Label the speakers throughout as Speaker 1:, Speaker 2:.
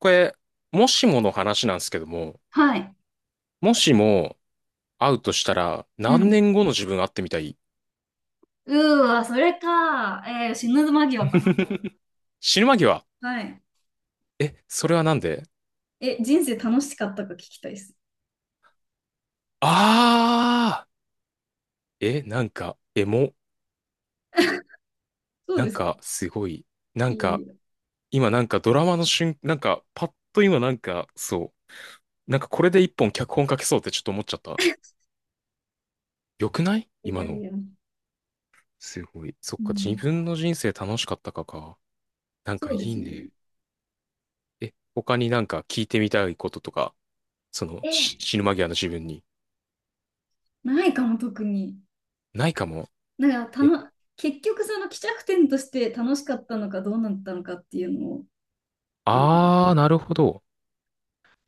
Speaker 1: これ、もしもの話なんですけども、
Speaker 2: はい。
Speaker 1: もしも会うとしたら
Speaker 2: う
Speaker 1: 何
Speaker 2: ん。
Speaker 1: 年後の自分会ってみたい？
Speaker 2: うーわ、それか。死ぬ間際かな。
Speaker 1: 死ぬ間際。
Speaker 2: はい。
Speaker 1: え、それはなんで？
Speaker 2: 人生楽しかったか聞きたいです。
Speaker 1: あーえ、なんか、エモ。
Speaker 2: そう
Speaker 1: な
Speaker 2: で
Speaker 1: ん
Speaker 2: すか。
Speaker 1: か、すごい。な
Speaker 2: い
Speaker 1: ん
Speaker 2: や
Speaker 1: か、
Speaker 2: いや。
Speaker 1: 今ドラマの瞬、パッと今そう。なんかこれで一本脚本書けそうってちょっと思っちゃった。よくない
Speaker 2: い
Speaker 1: 今
Speaker 2: やい
Speaker 1: の。
Speaker 2: や。
Speaker 1: すごい。そっ
Speaker 2: う
Speaker 1: か、自
Speaker 2: ん。
Speaker 1: 分の人生楽しかったかか。なん
Speaker 2: そ
Speaker 1: かい
Speaker 2: うで
Speaker 1: い
Speaker 2: すね。
Speaker 1: ね。え、他になんか聞いてみたいこととか、その
Speaker 2: え
Speaker 1: 死ぬ間際の自分に。
Speaker 2: ないかも、特に。
Speaker 1: ないかも。
Speaker 2: なんか、
Speaker 1: え、
Speaker 2: 結局、その、帰着点として楽しかったのか、どうなったのかっていうのを、あの、
Speaker 1: あー、なるほど。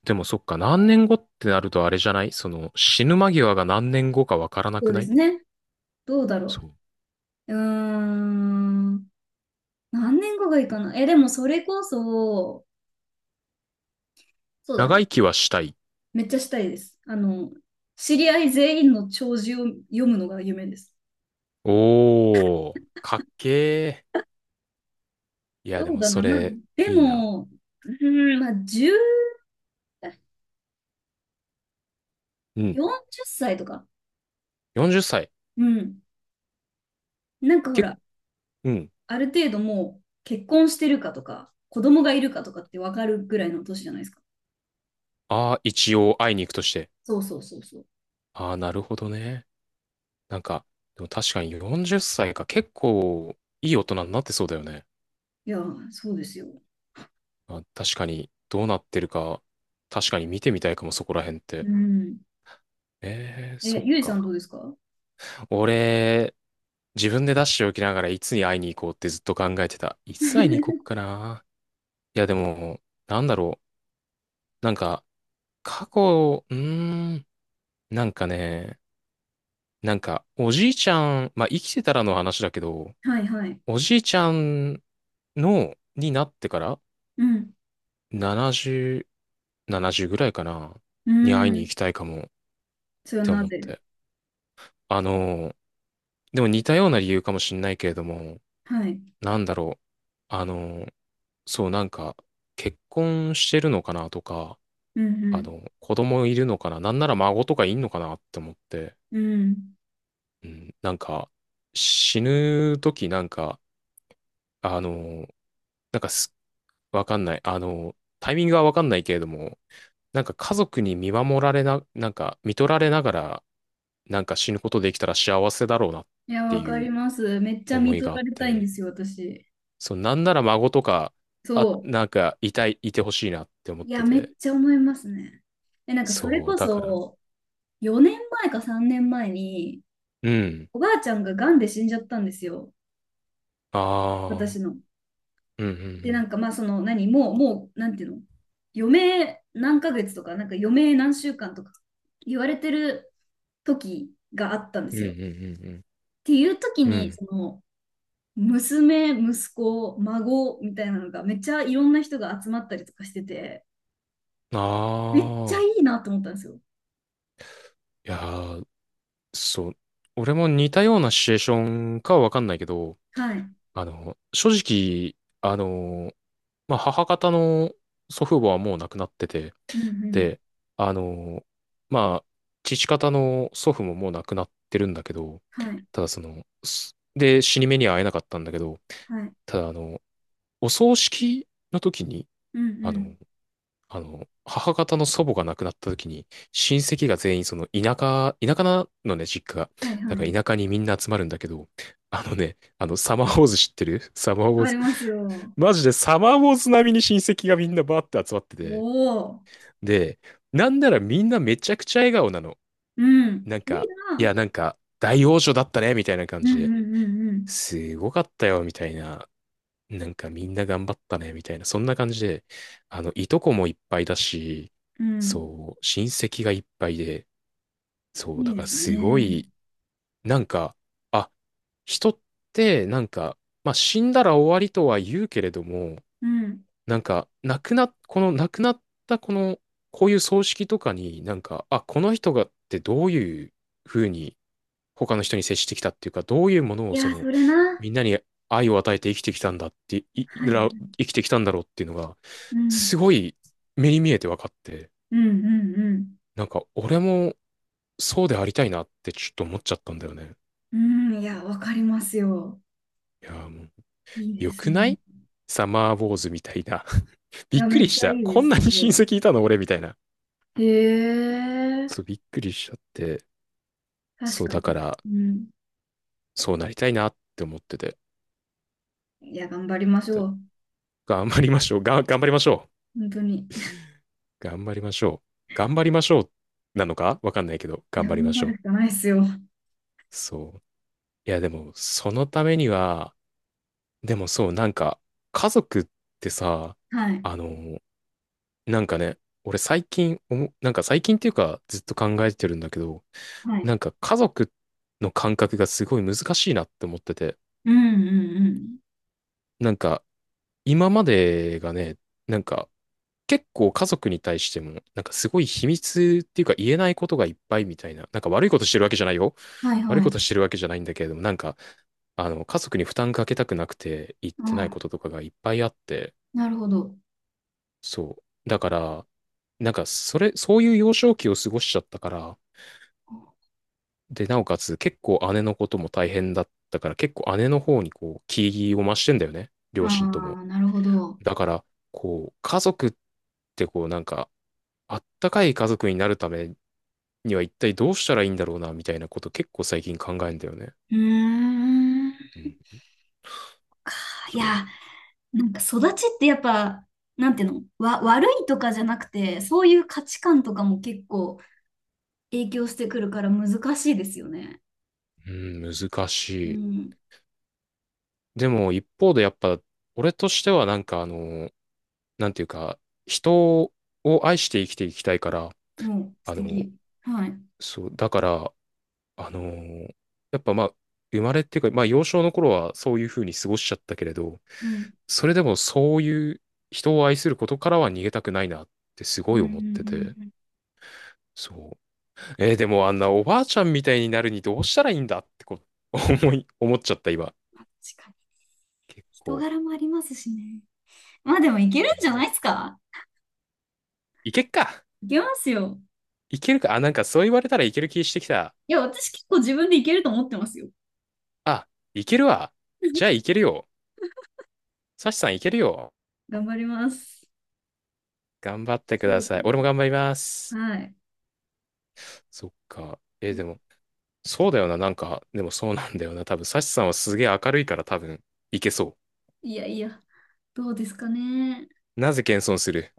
Speaker 1: でもそっか、何年後ってなるとあれじゃない、その死ぬ間際が何年後かわからな
Speaker 2: そ
Speaker 1: く
Speaker 2: うで
Speaker 1: な
Speaker 2: す
Speaker 1: い？
Speaker 2: ね。どうだろ
Speaker 1: そう。
Speaker 2: う。うーん。何年後がいいかな。え、でも、それこそ、そうだな。
Speaker 1: 長生きはしたい。
Speaker 2: めっちゃしたいです。あの、知り合い全員の弔辞を読むのが夢です。
Speaker 1: おー、かっけー。いや、で
Speaker 2: そう
Speaker 1: も
Speaker 2: だ
Speaker 1: そ
Speaker 2: な、まあ、
Speaker 1: れ、
Speaker 2: で
Speaker 1: いいな。
Speaker 2: も、うーん、まあ、10、
Speaker 1: うん。
Speaker 2: 40歳とか。
Speaker 1: 40歳。
Speaker 2: うん。なんかほ
Speaker 1: けっ、
Speaker 2: ら、
Speaker 1: うん。
Speaker 2: ある程度もう結婚してるかとか、子供がいるかとかって分かるぐらいの年じゃないですか。
Speaker 1: ああ、一応会いに行くとして。
Speaker 2: そうそうそうそう。
Speaker 1: ああ、なるほどね。なんか、でも確かに40歳か、結構いい大人になってそうだよね。
Speaker 2: いやー、そうですよ。
Speaker 1: あ、確かに、どうなってるか、確かに見てみたいかも、そこら辺っ
Speaker 2: う
Speaker 1: て。
Speaker 2: ん。
Speaker 1: えー、
Speaker 2: え、
Speaker 1: そっ
Speaker 2: ゆいさん
Speaker 1: か。
Speaker 2: どうですか？
Speaker 1: 俺、自分で出しておきながらいつに会いに行こうってずっと考えてた。いつ会いに行こ っかな。いや、でも、なんだろう。過去、なんかね、おじいちゃん、まあ、生きてたらの話だけど、
Speaker 2: はいはい。
Speaker 1: おじいちゃんの、になってから、
Speaker 2: うん。
Speaker 1: 70、70ぐらいかな、
Speaker 2: う
Speaker 1: に会いに
Speaker 2: ん。
Speaker 1: 行きたいかもっ
Speaker 2: それは
Speaker 1: て
Speaker 2: な
Speaker 1: 思っ
Speaker 2: ぜ？
Speaker 1: て。あのー、でも似たような理由かもしれないけれども、
Speaker 2: はい。
Speaker 1: なんだろう。あのー、そう、なんか、結婚してるのかなとか、
Speaker 2: う
Speaker 1: あ
Speaker 2: ん
Speaker 1: の、子供いるのかな、なんなら孫とかいんのかなって思って、
Speaker 2: うん。うん。
Speaker 1: うん、なんか、死ぬ時なんか、あの、なんかす、わかんない。あの、タイミングはわかんないけれども、なんか家族に見守られな、なんか、見とられながら、なんか死ぬことできたら幸せだろうなっ
Speaker 2: いや、
Speaker 1: て
Speaker 2: わか
Speaker 1: い
Speaker 2: り
Speaker 1: う
Speaker 2: ます。めっちゃ
Speaker 1: 思
Speaker 2: 見
Speaker 1: い
Speaker 2: と
Speaker 1: があ
Speaker 2: ら
Speaker 1: っ
Speaker 2: れたいんで
Speaker 1: て、
Speaker 2: すよ、私。
Speaker 1: そう、なんなら孫とか、あ、
Speaker 2: そ
Speaker 1: いてほしいなって思
Speaker 2: う。
Speaker 1: っ
Speaker 2: い
Speaker 1: て
Speaker 2: や、めっ
Speaker 1: て。
Speaker 2: ちゃ思いますね。え、なんかそれ
Speaker 1: そう、
Speaker 2: こ
Speaker 1: だから、
Speaker 2: そ、4年前か3年前に、
Speaker 1: うん。
Speaker 2: おばあちゃんが癌で死んじゃったんですよ、
Speaker 1: ああ、
Speaker 2: 私の。
Speaker 1: うん、う
Speaker 2: で、な
Speaker 1: ん、
Speaker 2: んかまあ、その、何、もう、もう、なんていうの、余命何ヶ月とか、なんか余命何週間とか言われてる時があったんで
Speaker 1: うん、う
Speaker 2: すよ。っ
Speaker 1: ん、
Speaker 2: ていう
Speaker 1: うん、うん、う
Speaker 2: 時
Speaker 1: ん。う
Speaker 2: に、
Speaker 1: ん
Speaker 2: その、娘、息子、孫みたいなのがめっちゃいろんな人が集まったりとかしてて、
Speaker 1: あ
Speaker 2: めっちゃ
Speaker 1: あ、
Speaker 2: いいなと思ったんですよ。
Speaker 1: いやー、そう、俺も似たようなシチュエーションかはわかんないけど、
Speaker 2: はい。う
Speaker 1: あの、正直、あの、まあ、母方の祖父母はもう亡くなってて、
Speaker 2: んうん。
Speaker 1: で、あの、まあ、父方の祖父ももう亡くなってるんだけど、
Speaker 2: はい。
Speaker 1: ただその、死に目には会えなかったんだけど、
Speaker 2: はい。
Speaker 1: ただあの、お葬式の時に、
Speaker 2: うんう
Speaker 1: あ
Speaker 2: ん。
Speaker 1: の、あの、母方の祖母が亡くなった時に、親戚が全員その田舎、田舎なのね、実家が。
Speaker 2: はい
Speaker 1: だ
Speaker 2: は
Speaker 1: か
Speaker 2: い。
Speaker 1: ら田舎にみんな集まるんだけど、あのね、あの、サマーウォーズ知ってる？サマー
Speaker 2: わ
Speaker 1: ウォー
Speaker 2: か
Speaker 1: ズ。
Speaker 2: りますよ。
Speaker 1: マジでサマーウォーズ並みに親戚がみんなバーって集まって
Speaker 2: お
Speaker 1: て。
Speaker 2: お。
Speaker 1: で、なんならみんなめちゃくちゃ笑顔なの。
Speaker 2: うん。
Speaker 1: なん
Speaker 2: いい
Speaker 1: か、い
Speaker 2: な。
Speaker 1: や、なんか、大王女だったね、みたいな感
Speaker 2: う
Speaker 1: じ
Speaker 2: んうん
Speaker 1: で、
Speaker 2: うん
Speaker 1: すごかったよ、みたいな、なんかみんな頑張ったね、みたいな、そんな感じで、あの、いとこもいっぱいだし、
Speaker 2: うん。
Speaker 1: そう、親戚がいっぱいで、
Speaker 2: う
Speaker 1: そう、
Speaker 2: ん。い
Speaker 1: だ
Speaker 2: いで
Speaker 1: から
Speaker 2: す
Speaker 1: すご
Speaker 2: ね。
Speaker 1: い、なんか、あ、人って、なんか、まあ、死んだら終わりとは言うけれども、
Speaker 2: うん。
Speaker 1: なんか、亡くな、この亡くなったこの、こういう葬式とかに、なんか、あ、この人がってどういうふうに他の人に接してきたっていうか、どういうもの
Speaker 2: い
Speaker 1: をそ
Speaker 2: やー、そ
Speaker 1: の、
Speaker 2: れな。
Speaker 1: みんなに愛を与えて生きてきたんだって、
Speaker 2: はい。
Speaker 1: 生きてきたんだろうっていうのが、
Speaker 2: う
Speaker 1: す
Speaker 2: ん。
Speaker 1: ごい目に見えて分かって、
Speaker 2: うんうんうん。
Speaker 1: なんか、俺もそうでありたいなってちょっと思っちゃったんだよね。
Speaker 2: うん。いや、わかりますよ。
Speaker 1: いやー、もう、
Speaker 2: いいで
Speaker 1: 良
Speaker 2: す
Speaker 1: くな
Speaker 2: ね。
Speaker 1: い？サマーウォーズみたいな。
Speaker 2: い
Speaker 1: び
Speaker 2: や、
Speaker 1: っく
Speaker 2: め
Speaker 1: り
Speaker 2: っち
Speaker 1: し
Speaker 2: ゃ
Speaker 1: た。
Speaker 2: いいで
Speaker 1: こん
Speaker 2: す。
Speaker 1: な
Speaker 2: す
Speaker 1: に親
Speaker 2: ごい。
Speaker 1: 戚いたの俺みたいな。
Speaker 2: へ
Speaker 1: そ
Speaker 2: え。
Speaker 1: う、びっくりしちゃって。
Speaker 2: 確
Speaker 1: そう、
Speaker 2: か
Speaker 1: だ
Speaker 2: に。
Speaker 1: から、
Speaker 2: うん。
Speaker 1: そうなりたいなって思ってて。
Speaker 2: いや、頑張りまし
Speaker 1: だ
Speaker 2: ょう。
Speaker 1: 頑張りましょう。頑張りましょう。
Speaker 2: 本当に。
Speaker 1: 頑張りましょう。頑張りましょう。なのかわかんないけど、
Speaker 2: い
Speaker 1: 頑
Speaker 2: や、
Speaker 1: 張り
Speaker 2: 頑
Speaker 1: まし
Speaker 2: 張
Speaker 1: ょ
Speaker 2: る
Speaker 1: う。
Speaker 2: しかないですよ。
Speaker 1: そう。いや、でも、そのためには、でもそう、なんか、家族ってさ、
Speaker 2: はい。
Speaker 1: あの、なんかね、俺最近思う、なんか最近っていうか、ずっと考えてるんだけど、
Speaker 2: はい。
Speaker 1: なんか家族の感覚がすごい難しいなって思ってて、
Speaker 2: うんうん
Speaker 1: なんか今までがね、なんか、結構家族に対しても、なんかすごい秘密っていうか言えないことがいっぱいみたいな、なんか悪いことしてるわけじゃないよ。
Speaker 2: うん。はい
Speaker 1: 悪い
Speaker 2: は
Speaker 1: こ
Speaker 2: い。
Speaker 1: としてるわけじゃないんだけれども、なんか、あの、家族に負担かけたくなくて言ってない
Speaker 2: あ、
Speaker 1: こととかがいっぱいあって、
Speaker 2: なるほど。
Speaker 1: そう。だから、なんか、そういう幼少期を過ごしちゃったから、で、なおかつ結構姉のことも大変だったから、結構姉の方にこう、気を増してんだよね。両親とも。
Speaker 2: ああ、なるほど。う
Speaker 1: だから、こう、家族ってこう、なんか、あったかい家族になるためには一体どうしたらいいんだろうな、みたいなこと結構最近考えんだよね。
Speaker 2: ーん。
Speaker 1: うん。
Speaker 2: い
Speaker 1: そ
Speaker 2: や、なんか育ちってやっぱ、なんていうの、悪いとかじゃなくて、そういう価値観とかも結構影響してくるから難しいですよね。
Speaker 1: う。うん、難
Speaker 2: う
Speaker 1: しい。
Speaker 2: ん。
Speaker 1: でも、一方でやっぱ、俺としてはなんかあの、なんていうか、人を愛して生きていきたいから、
Speaker 2: もう素
Speaker 1: あの、
Speaker 2: 敵。はい。う
Speaker 1: そう、だから、あのーやっぱまあ、生まれっていうか、まあ幼少の頃はそういうふうに過ごしちゃったけれど、
Speaker 2: ん。
Speaker 1: それでもそういう人を愛することからは逃げたくないなってす
Speaker 2: う
Speaker 1: ご
Speaker 2: ん
Speaker 1: い
Speaker 2: うんう
Speaker 1: 思ってて、
Speaker 2: んうん。
Speaker 1: そう。えーでもあんなおばあちゃんみたいになるにどうしたらいいんだってう、思っちゃった今。
Speaker 2: まあ確かに。
Speaker 1: 結
Speaker 2: 人
Speaker 1: 構。
Speaker 2: 柄もありますしね。まあでもいけるんじゃないです
Speaker 1: ね、
Speaker 2: か？
Speaker 1: いけっか。
Speaker 2: いけますよ。
Speaker 1: いけるか。あ、なんかそう言われたらいける気してきた。
Speaker 2: いや、私結構自分でいけると思ってますよ。
Speaker 1: あ、いけるわ。じゃあいけるよ。サシさんいけるよ。
Speaker 2: 頑張ります。
Speaker 1: 頑張ってく
Speaker 2: そ
Speaker 1: だ
Speaker 2: うだ
Speaker 1: さい。
Speaker 2: ね。
Speaker 1: 俺も頑張ります。
Speaker 2: はい。
Speaker 1: そっか。えーでも、そうだよな、なんか、でもそうなんだよな。多分、サシさんはすげえ明るいから、多分、いけそ
Speaker 2: いやいや、どうですかね。
Speaker 1: う。なぜ謙遜する？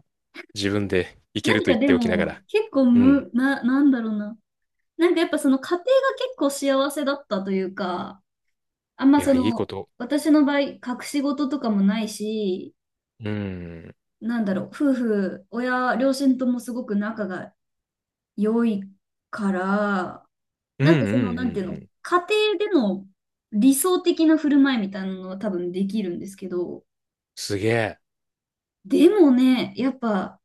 Speaker 1: 自分でいける
Speaker 2: 何
Speaker 1: と言
Speaker 2: か
Speaker 1: っ
Speaker 2: で
Speaker 1: ておきなが
Speaker 2: も、
Speaker 1: ら。
Speaker 2: 結構
Speaker 1: うん。
Speaker 2: む、な、なんだろうな。なんかやっぱその家庭が結構幸せだったというか、あんま
Speaker 1: い
Speaker 2: そ
Speaker 1: や、いいこ
Speaker 2: の、
Speaker 1: と。
Speaker 2: 私の場合、隠し事とかもないし、
Speaker 1: うん。
Speaker 2: なんだろう、夫婦、親、両親ともすごく仲が良いから、
Speaker 1: うん
Speaker 2: な
Speaker 1: う
Speaker 2: んか
Speaker 1: んう
Speaker 2: その、なんていう
Speaker 1: んう
Speaker 2: の、
Speaker 1: ん。
Speaker 2: 家庭での理想的な振る舞いみたいなのは多分できるんですけど、
Speaker 1: すげえ。
Speaker 2: でもね、やっぱ、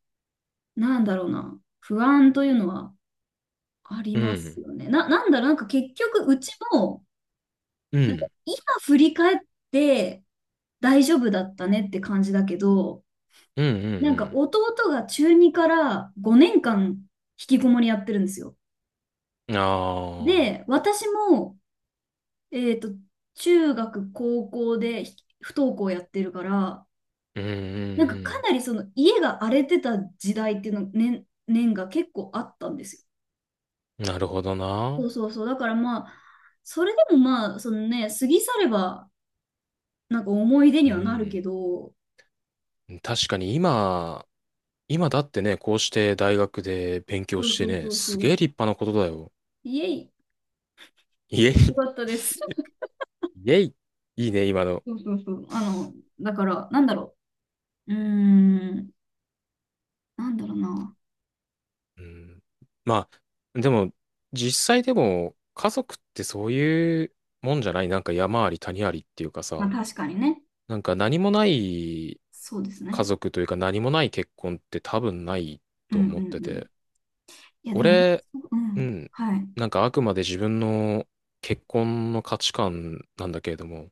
Speaker 2: なんだろうな、不安というのはあり
Speaker 1: う
Speaker 2: ます
Speaker 1: ん。
Speaker 2: よね。なんだろう、なんか結局、うちも、
Speaker 1: うん。
Speaker 2: 今振り返って大丈夫だったねって感じだけど、
Speaker 1: うんう
Speaker 2: なんか
Speaker 1: ん
Speaker 2: 弟が中2から5年間引きこもりやってるんですよ。
Speaker 1: うん。ああ。
Speaker 2: で、私も、えっと、中学、高校で不登校やってるから、
Speaker 1: うんう
Speaker 2: なんかか
Speaker 1: ん
Speaker 2: なりその家が荒れてた時代っていうの年が結構あったんですよ。
Speaker 1: うん。なるほど
Speaker 2: そ
Speaker 1: な。
Speaker 2: うそうそう。だからまあ、それでもまあ、そのね、過ぎ去ればなんか思い出
Speaker 1: う
Speaker 2: にはなるけ
Speaker 1: ん。
Speaker 2: ど、
Speaker 1: 確かに今、今だってね、こうして大学で勉強
Speaker 2: そう
Speaker 1: して
Speaker 2: そうそ
Speaker 1: ね、
Speaker 2: う
Speaker 1: す
Speaker 2: そ
Speaker 1: げえ
Speaker 2: う。
Speaker 1: 立派なことだよ。
Speaker 2: イエイ、
Speaker 1: イエイ。
Speaker 2: よかったです。
Speaker 1: イエイ。いいね、今の。
Speaker 2: そうそうそう。あの、だから、なんだろう。うーん、なんだろうな。
Speaker 1: うん。まあ、でも、実際でも、家族ってそういうもんじゃない？なんか山あり谷ありっていうか
Speaker 2: まあ
Speaker 1: さ、
Speaker 2: 確かにね。
Speaker 1: なんか何もない
Speaker 2: そうです
Speaker 1: 家
Speaker 2: ね。
Speaker 1: 族というか何もない結婚って多分ない
Speaker 2: う
Speaker 1: と
Speaker 2: んう
Speaker 1: 思って
Speaker 2: んうん。
Speaker 1: て。
Speaker 2: いやでも、
Speaker 1: 俺、
Speaker 2: う
Speaker 1: う
Speaker 2: ん。
Speaker 1: ん、
Speaker 2: はい。
Speaker 1: なんかあくまで自分の結婚の価値観なんだけれども、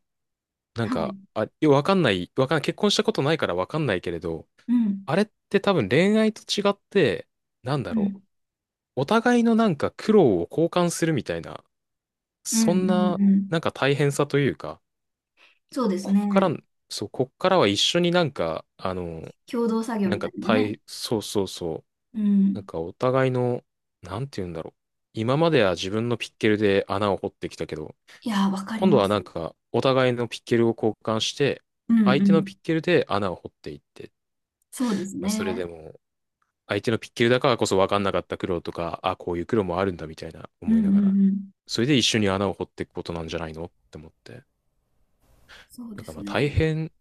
Speaker 1: なん
Speaker 2: は
Speaker 1: か、
Speaker 2: い。
Speaker 1: あ、よわかんない、わかんない、結婚したことないからわかんないけれど、
Speaker 2: うん。
Speaker 1: あれって多分恋愛と違って、なんだ
Speaker 2: う
Speaker 1: ろ
Speaker 2: ん。
Speaker 1: う。お互いのなんか苦労を交換するみたいな、
Speaker 2: うん
Speaker 1: そ
Speaker 2: う
Speaker 1: んな
Speaker 2: んう
Speaker 1: な
Speaker 2: ん。
Speaker 1: んか大変さというか、
Speaker 2: そうです
Speaker 1: こっから、
Speaker 2: ね。
Speaker 1: そう、こっからは一緒になんか、あの、
Speaker 2: 共同作業
Speaker 1: なん
Speaker 2: みた
Speaker 1: か
Speaker 2: いなね。
Speaker 1: 大、そうそうそう、
Speaker 2: う
Speaker 1: なん
Speaker 2: ん。
Speaker 1: かお互いの、なんて言うんだろう。今までは自分のピッケルで穴を掘ってきたけど、
Speaker 2: いやー、わかり
Speaker 1: 今度
Speaker 2: ま
Speaker 1: は
Speaker 2: す。
Speaker 1: なんかお互いのピッケルを交換して、
Speaker 2: うん
Speaker 1: 相
Speaker 2: う
Speaker 1: 手のピッ
Speaker 2: ん。
Speaker 1: ケルで穴を掘っていって、
Speaker 2: そうです
Speaker 1: まあそれで
Speaker 2: ね。
Speaker 1: も相手のピッケルだからこそ分かんなかった苦労とか、あ、こういう苦労もあるんだみたいな
Speaker 2: う
Speaker 1: 思い
Speaker 2: んう
Speaker 1: な
Speaker 2: ん
Speaker 1: がら、
Speaker 2: うん。
Speaker 1: それで一緒に穴を掘っていくことなんじゃないのって思って。
Speaker 2: そう
Speaker 1: な
Speaker 2: で
Speaker 1: んか
Speaker 2: す
Speaker 1: まあ
Speaker 2: ね。
Speaker 1: 大変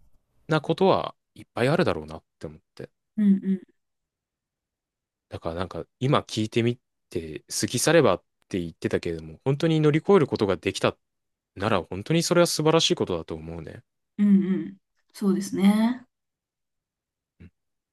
Speaker 1: なことはいっぱいあるだろうなって思って。
Speaker 2: うんうん。
Speaker 1: だからなんか今聞いてみて、過ぎ去ればって言ってたけれども、本当に乗り越えることができたなら本当にそれは素晴らしいことだと思うね。
Speaker 2: うんうん。そうですね。
Speaker 1: うん